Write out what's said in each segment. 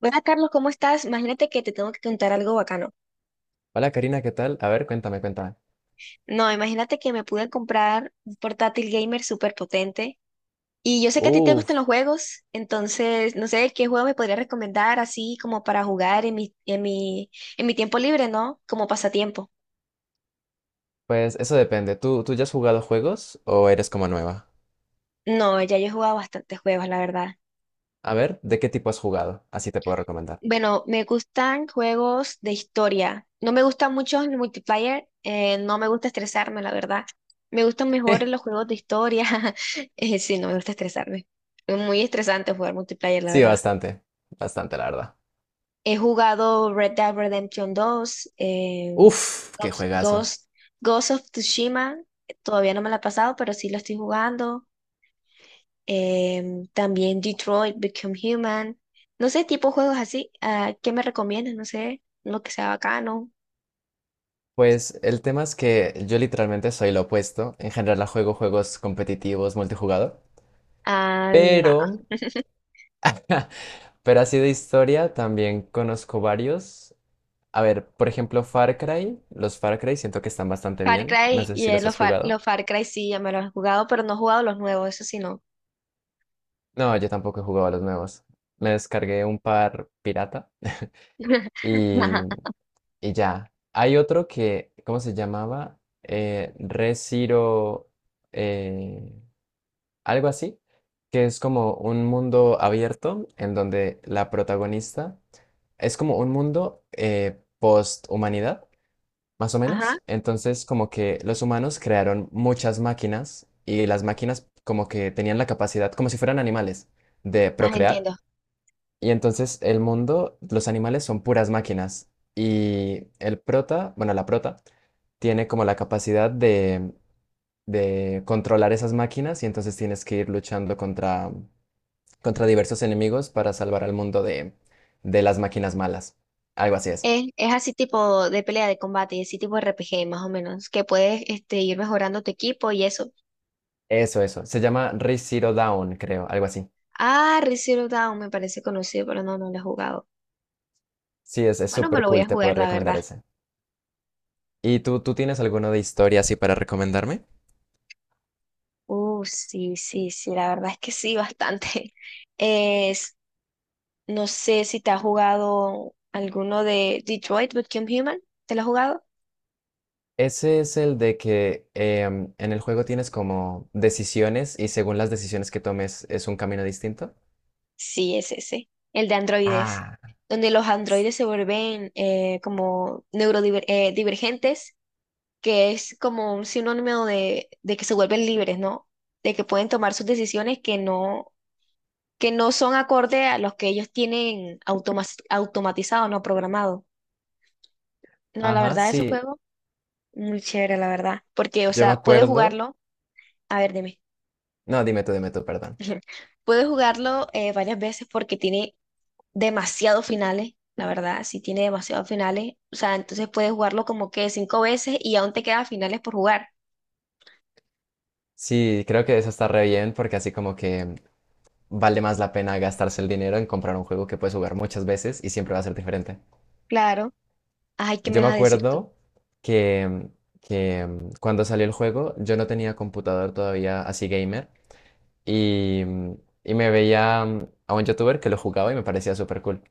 Hola Carlos, ¿cómo estás? Imagínate que te tengo que contar algo bacano. Hola Karina, ¿qué tal? A ver, cuéntame, cuéntame. No, imagínate que me pude comprar un portátil gamer súper potente. Y yo sé que a ti te gustan Uf, los juegos, entonces no sé qué juego me podrías recomendar así como para jugar en mi tiempo libre, ¿no? Como pasatiempo. pues eso depende. ¿Tú ya has jugado juegos o eres como nueva? No, ya yo he jugado bastantes juegos, la verdad. A ver, ¿de qué tipo has jugado? Así te puedo recomendar. Bueno, me gustan juegos de historia. No me gusta mucho el multiplayer, no me gusta estresarme, la verdad. Me gustan mejor los juegos de historia. Sí, no me gusta estresarme. Es muy estresante jugar multiplayer, la Sí, verdad. bastante, bastante, la verdad. He jugado Red Dead Redemption 2, Uf, qué Ghost, juegazo. Ghost, Ghost of Tsushima. Todavía no me la he pasado, pero sí lo estoy jugando. También Detroit, Become Human. No sé, tipo juegos así. Ah, ¿qué me recomiendas? No sé, lo que sea bacano. Pues el tema es que yo literalmente soy lo opuesto. En general, la juego juegos competitivos, multijugador. Ah, nada. Pero, pero así de historia también conozco varios. A ver, por ejemplo, Far Cry. Los Far Cry siento que están bastante Far bien. No Cry sé y si los has jugado. los Far Cry sí, ya me los he jugado, pero no he jugado los nuevos, eso sí no. No, yo tampoco he jugado a los nuevos. Me descargué un par pirata y, y ya. Hay otro que, ¿cómo se llamaba? Re eh, Algo así, que es como un mundo abierto en donde la protagonista es como un mundo post-humanidad, más o Ajá, menos. Entonces, como que los humanos crearon muchas máquinas y las máquinas como que tenían la capacidad, como si fueran animales, de más procrear. entiendo. Y entonces el mundo, los animales son puras máquinas. Y el prota, bueno, la prota, tiene como la capacidad de controlar esas máquinas y entonces tienes que ir luchando contra, contra diversos enemigos para salvar al mundo de las máquinas malas. Algo así es. Es así tipo de pelea de combate y así tipo RPG más o menos, que puedes ir mejorando tu equipo y eso. Eso, eso. Se llama Re Zero Dawn, creo, algo así. Ah, Re Zero Dawn me parece conocido, pero no, no lo he jugado. Sí, es Bueno, me súper lo voy a cool, te jugar, puedo la recomendar verdad. ese. ¿Y tú tienes alguno de historia así para recomendarme? Sí, sí, sí, la verdad es que sí, bastante. Es, no sé si te has jugado alguno de Detroit Become Human, ¿te lo has jugado? Ese es el de que en el juego tienes como decisiones y según las decisiones que tomes es un camino distinto. Sí, es ese, el de androides, Ah, donde los androides se vuelven como neurodivergentes, que es como un sinónimo de que se vuelven libres, ¿no? De que pueden tomar sus decisiones que no son acorde a los que ellos tienen automatizado, no programado. No, la ajá, verdad, esos sí, juegos. Muy chévere, la verdad. Porque, o yo me sea, puedes acuerdo. jugarlo. A ver, dime. No, dime tú, perdón. Puedes jugarlo varias veces porque tiene demasiados finales, la verdad. Sí, tiene demasiados finales. O sea, entonces puedes jugarlo como que cinco veces y aún te quedan finales por jugar. Sí, creo que eso está re bien porque así como que vale más la pena gastarse el dinero en comprar un juego que puedes jugar muchas veces y siempre va a ser diferente. Claro. Ay, ¿qué me Yo me vas a decir tú? acuerdo que, que cuando salió el juego yo no tenía computador todavía así gamer. Y, y me veía a un youtuber que lo jugaba y me parecía súper cool.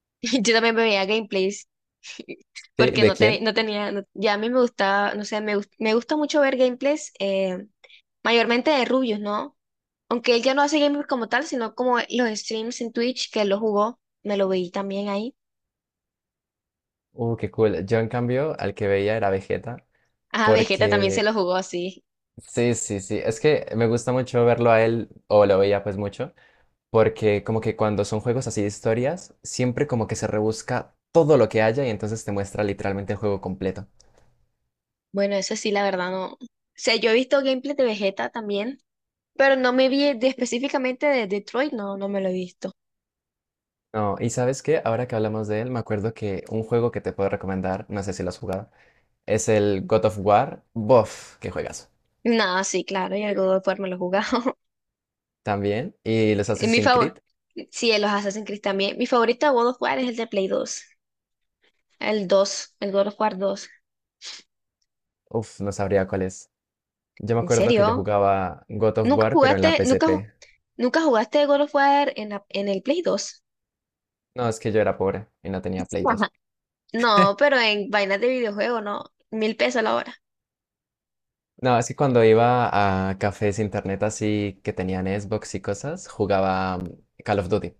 Yo también me veía gameplays. ¿Sí? Porque ¿De no, quién? no tenía. Ya a mí me gustaba, no sé, me gusta mucho ver gameplays. Mayormente de rubios, ¿no? Aunque él ya no hace gaming como tal, sino como los streams en Twitch que él lo jugó. Me lo vi también ahí. Qué cool. Yo en cambio al que veía era Vegeta Ah, Vegeta también se porque lo jugó así. sí, sí, sí. Es que me gusta mucho verlo a él o lo veía pues mucho porque como que cuando son juegos así de historias siempre como que se rebusca todo lo que haya y entonces te muestra literalmente el juego completo. Bueno, eso sí, la verdad no. O sea, yo he visto gameplay de Vegeta también, pero no me vi específicamente de Detroit, no, no me lo he visto. No, y sabes qué, ahora que hablamos de él, me acuerdo que un juego que te puedo recomendar, no sé si lo has jugado, es el God of War. Bof, qué juegas. Nada, sí, claro, y el God of War me lo he jugado. También. Y los Y mi Assassin's favor. Creed. Sí, los Assassin's Creed también. Mi favorito de God of War es el de Play 2. El God of War dos. Uff, no sabría cuál es. Yo me ¿En acuerdo que yo serio? jugaba God of ¿Nunca War, pero en la jugaste, nunca, ju- PSP. nunca jugaste God of War en el Play 2? No, es que yo era pobre y no tenía Play 2. Ajá. No, pero en vainas de videojuego, no. 1.000 pesos la hora. No, es que cuando iba a cafés internet así que tenían Xbox y cosas, jugaba Call of Duty.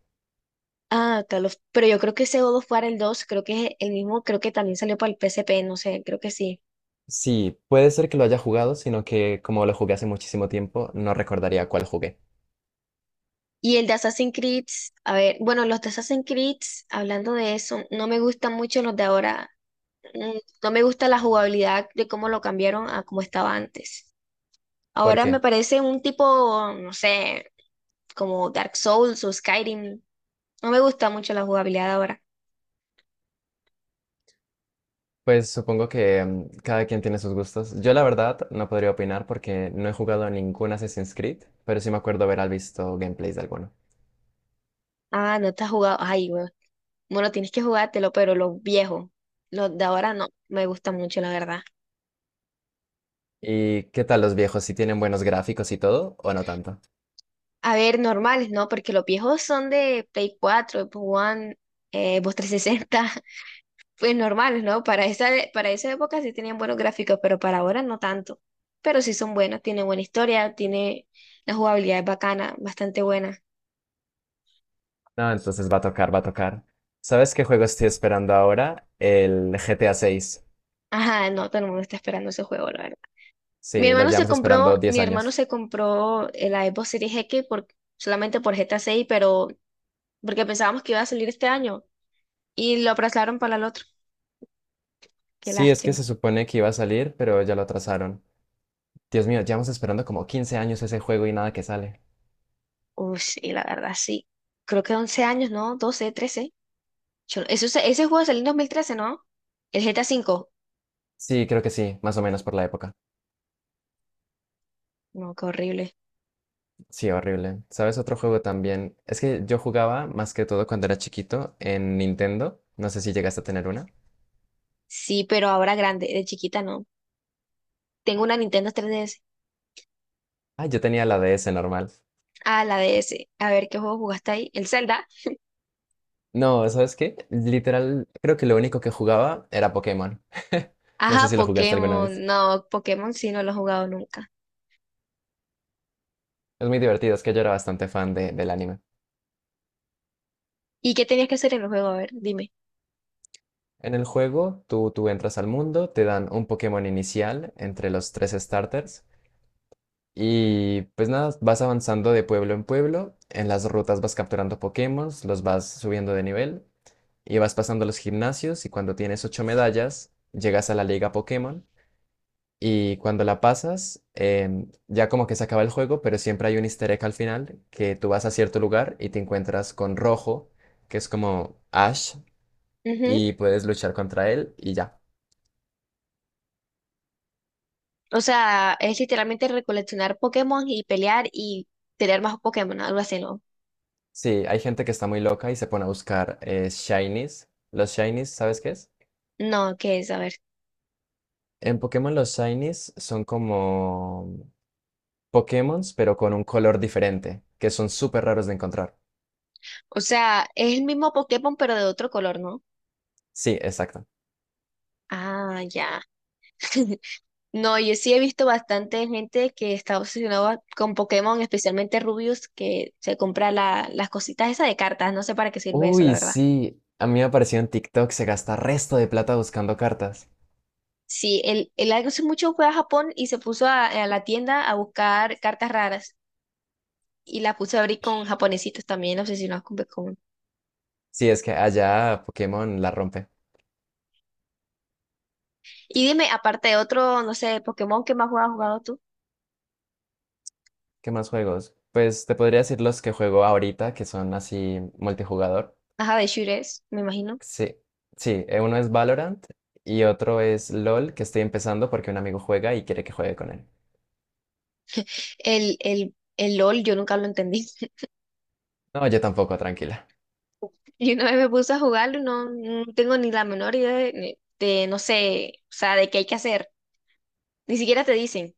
Ah, pero yo creo que ese God of War, el 2 creo que es el mismo, creo que también salió para el PSP, no sé, creo que sí. Sí, puede ser que lo haya jugado, sino que como lo jugué hace muchísimo tiempo, no recordaría cuál jugué. Y el de Assassin's Creed, a ver, bueno, los de Assassin's Creed, hablando de eso, no me gustan mucho los de ahora. Mm, No me gusta la jugabilidad de cómo lo cambiaron a como estaba antes. ¿Por Ahora me qué? parece un tipo, no sé, como Dark Souls o Skyrim. No me gusta mucho la jugabilidad ahora. Pues supongo que cada quien tiene sus gustos. Yo la verdad no podría opinar porque no he jugado a ningún Assassin's Creed, pero sí me acuerdo haber visto gameplays de alguno. Ah, no te has jugado. Ay, bueno, tienes que jugártelo, pero los viejos, los de ahora no, me gustan mucho, la verdad. ¿Y qué tal los viejos? ¿Si tienen buenos gráficos y todo o no tanto? A ver, normales, ¿no? Porque los viejos son de Play 4, Xbox One, Xbox 360, pues normales, ¿no? Para esa época sí tenían buenos gráficos, pero para ahora no tanto. Pero sí son buenos, tiene buena historia, tiene la jugabilidad es bacana, bastante buena. No, entonces va a tocar, va a tocar. ¿Sabes qué juego estoy esperando ahora? El GTA 6. Ajá, no, todo el mundo está esperando ese juego, la verdad. Mi Sí, lo hermano se llevamos esperando compró, 10 mi hermano años. se compró la Xbox Series X solamente por GTA 6, pero porque pensábamos que iba a salir este año y lo aplazaron para el otro. Qué Sí, es que se lástima. supone que iba a salir, pero ya lo atrasaron. Dios mío, llevamos esperando como 15 años ese juego y nada que sale. Uy, sí, la verdad, sí. Creo que 11 años, ¿no? 12, 13. Yo no- eso, se- ese juego salió en 2013, ¿no? El GTA 5. Sí, creo que sí, más o menos por la época. No, qué horrible. Sí, horrible. ¿Sabes otro juego también? Es que yo jugaba más que todo cuando era chiquito en Nintendo. No sé si llegaste a tener una. Sí, pero ahora grande, de chiquita, ¿no? Tengo una Nintendo 3DS. Ah, yo tenía la DS normal. Ah, la DS. A ver, ¿qué juego jugaste ahí? ¿El Zelda? No, ¿sabes qué? Literal, creo que lo único que jugaba era Pokémon. No sé Ajá, si lo jugaste alguna Pokémon. vez. No, Pokémon sí no lo he jugado nunca. Es muy divertido, es que yo era bastante fan de- del anime. ¿Y qué tenías que hacer en el juego? A ver, dime. En el juego, tú entras al mundo, te dan un Pokémon inicial entre los tres starters. Y pues nada, vas avanzando de pueblo en pueblo, en las rutas vas capturando Pokémon, los vas subiendo de nivel y vas pasando los gimnasios y cuando tienes 8 medallas, llegas a la Liga Pokémon y cuando la pasas, ya como que se acaba el juego, pero siempre hay un easter egg al final que tú vas a cierto lugar y te encuentras con Rojo, que es como Ash, y puedes luchar contra él y ya. O sea, es literalmente recoleccionar Pokémon y pelear y tener más Pokémon, algo así, ¿no? Sí, hay gente que está muy loca y se pone a buscar Shinies. ¿Los Shinies, sabes qué es? No, ¿qué es? A ver. En Pokémon los Shinies son como Pokémons, pero con un color diferente, que son súper raros de encontrar. O sea, es el mismo Pokémon pero de otro color, ¿no? Sí, exacto. Ah, ya. No, yo sí he visto bastante gente que está obsesionada con Pokémon, especialmente Rubius, que se compra las cositas esas de cartas. No sé para qué sirve eso, la Uy, verdad. sí. A mí me apareció en TikTok, se gasta resto de plata buscando cartas. Sí, él hace mucho fue a Japón y se puso a la tienda a buscar cartas raras y las puso a abrir con japonesitos también obsesionados con Pokémon. Sí, es que allá Pokémon la rompe. Y dime, aparte de otro, no sé, Pokémon, ¿qué más juegas has jugado tú? ¿Qué más juegos? Pues te podría decir los que juego ahorita, que son así multijugador. Ajá, de shooters, me imagino. Sí, sí, uno es Valorant y otro es LOL, que estoy empezando porque un amigo juega y quiere que juegue con él. El LOL, yo nunca lo entendí. No, yo tampoco, tranquila. Y una vez me puse a jugarlo y no, no tengo ni la menor idea no sé, o sea, de qué hay que hacer. Ni siquiera te dicen.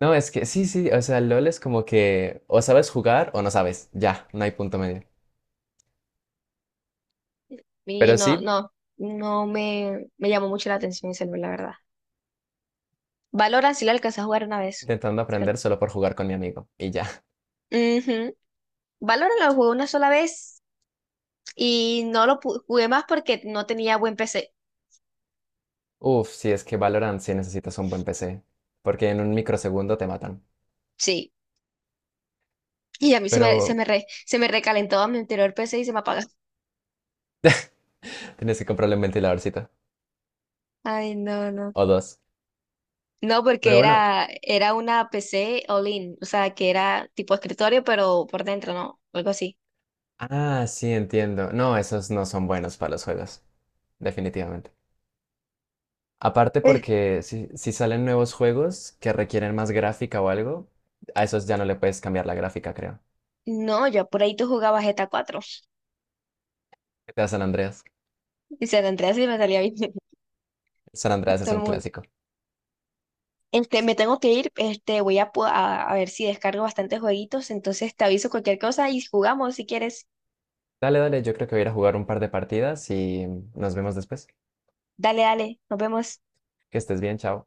No, es que sí, sí, o sea, LOL es como que o sabes jugar o no sabes, ya, no hay punto medio. Y Pero no, sí, no, no me llamó mucho la atención ese LOL, la verdad. Valorant sí lo alcancé a jugar una vez. intentando Creo. aprender solo por jugar con mi amigo y ya. Ujú. Valorant lo jugué una sola vez y no jugué más porque no tenía buen PC. Uf, sí, es que Valorant sí necesitas un buen PC, porque en un microsegundo te matan. Sí. Y a mí Pero se me recalentó a mi anterior PC y se me apagó. tienes que comprarle un ventiladorcito Ay, no, no. o dos. No, Pero porque bueno, era una PC all-in, o sea, que era tipo escritorio, pero por dentro, ¿no? Algo así. ah, sí, entiendo. No, esos no son buenos para los juegos, definitivamente. Aparte Eh, porque si salen nuevos juegos que requieren más gráfica o algo, a esos ya no le puedes cambiar la gráfica, creo. No, yo por ahí tú jugabas GTA 4. GTA San Andreas. Y se la entré así y me salía bien. San Andreas es Todo el un mundo. clásico. Me tengo que ir, voy a ver si descargo bastantes jueguitos, entonces te aviso cualquier cosa y jugamos si quieres. Dale, dale, yo creo que voy a ir a jugar un par de partidas y nos vemos después. Dale, dale, nos vemos. Que estés bien, chao.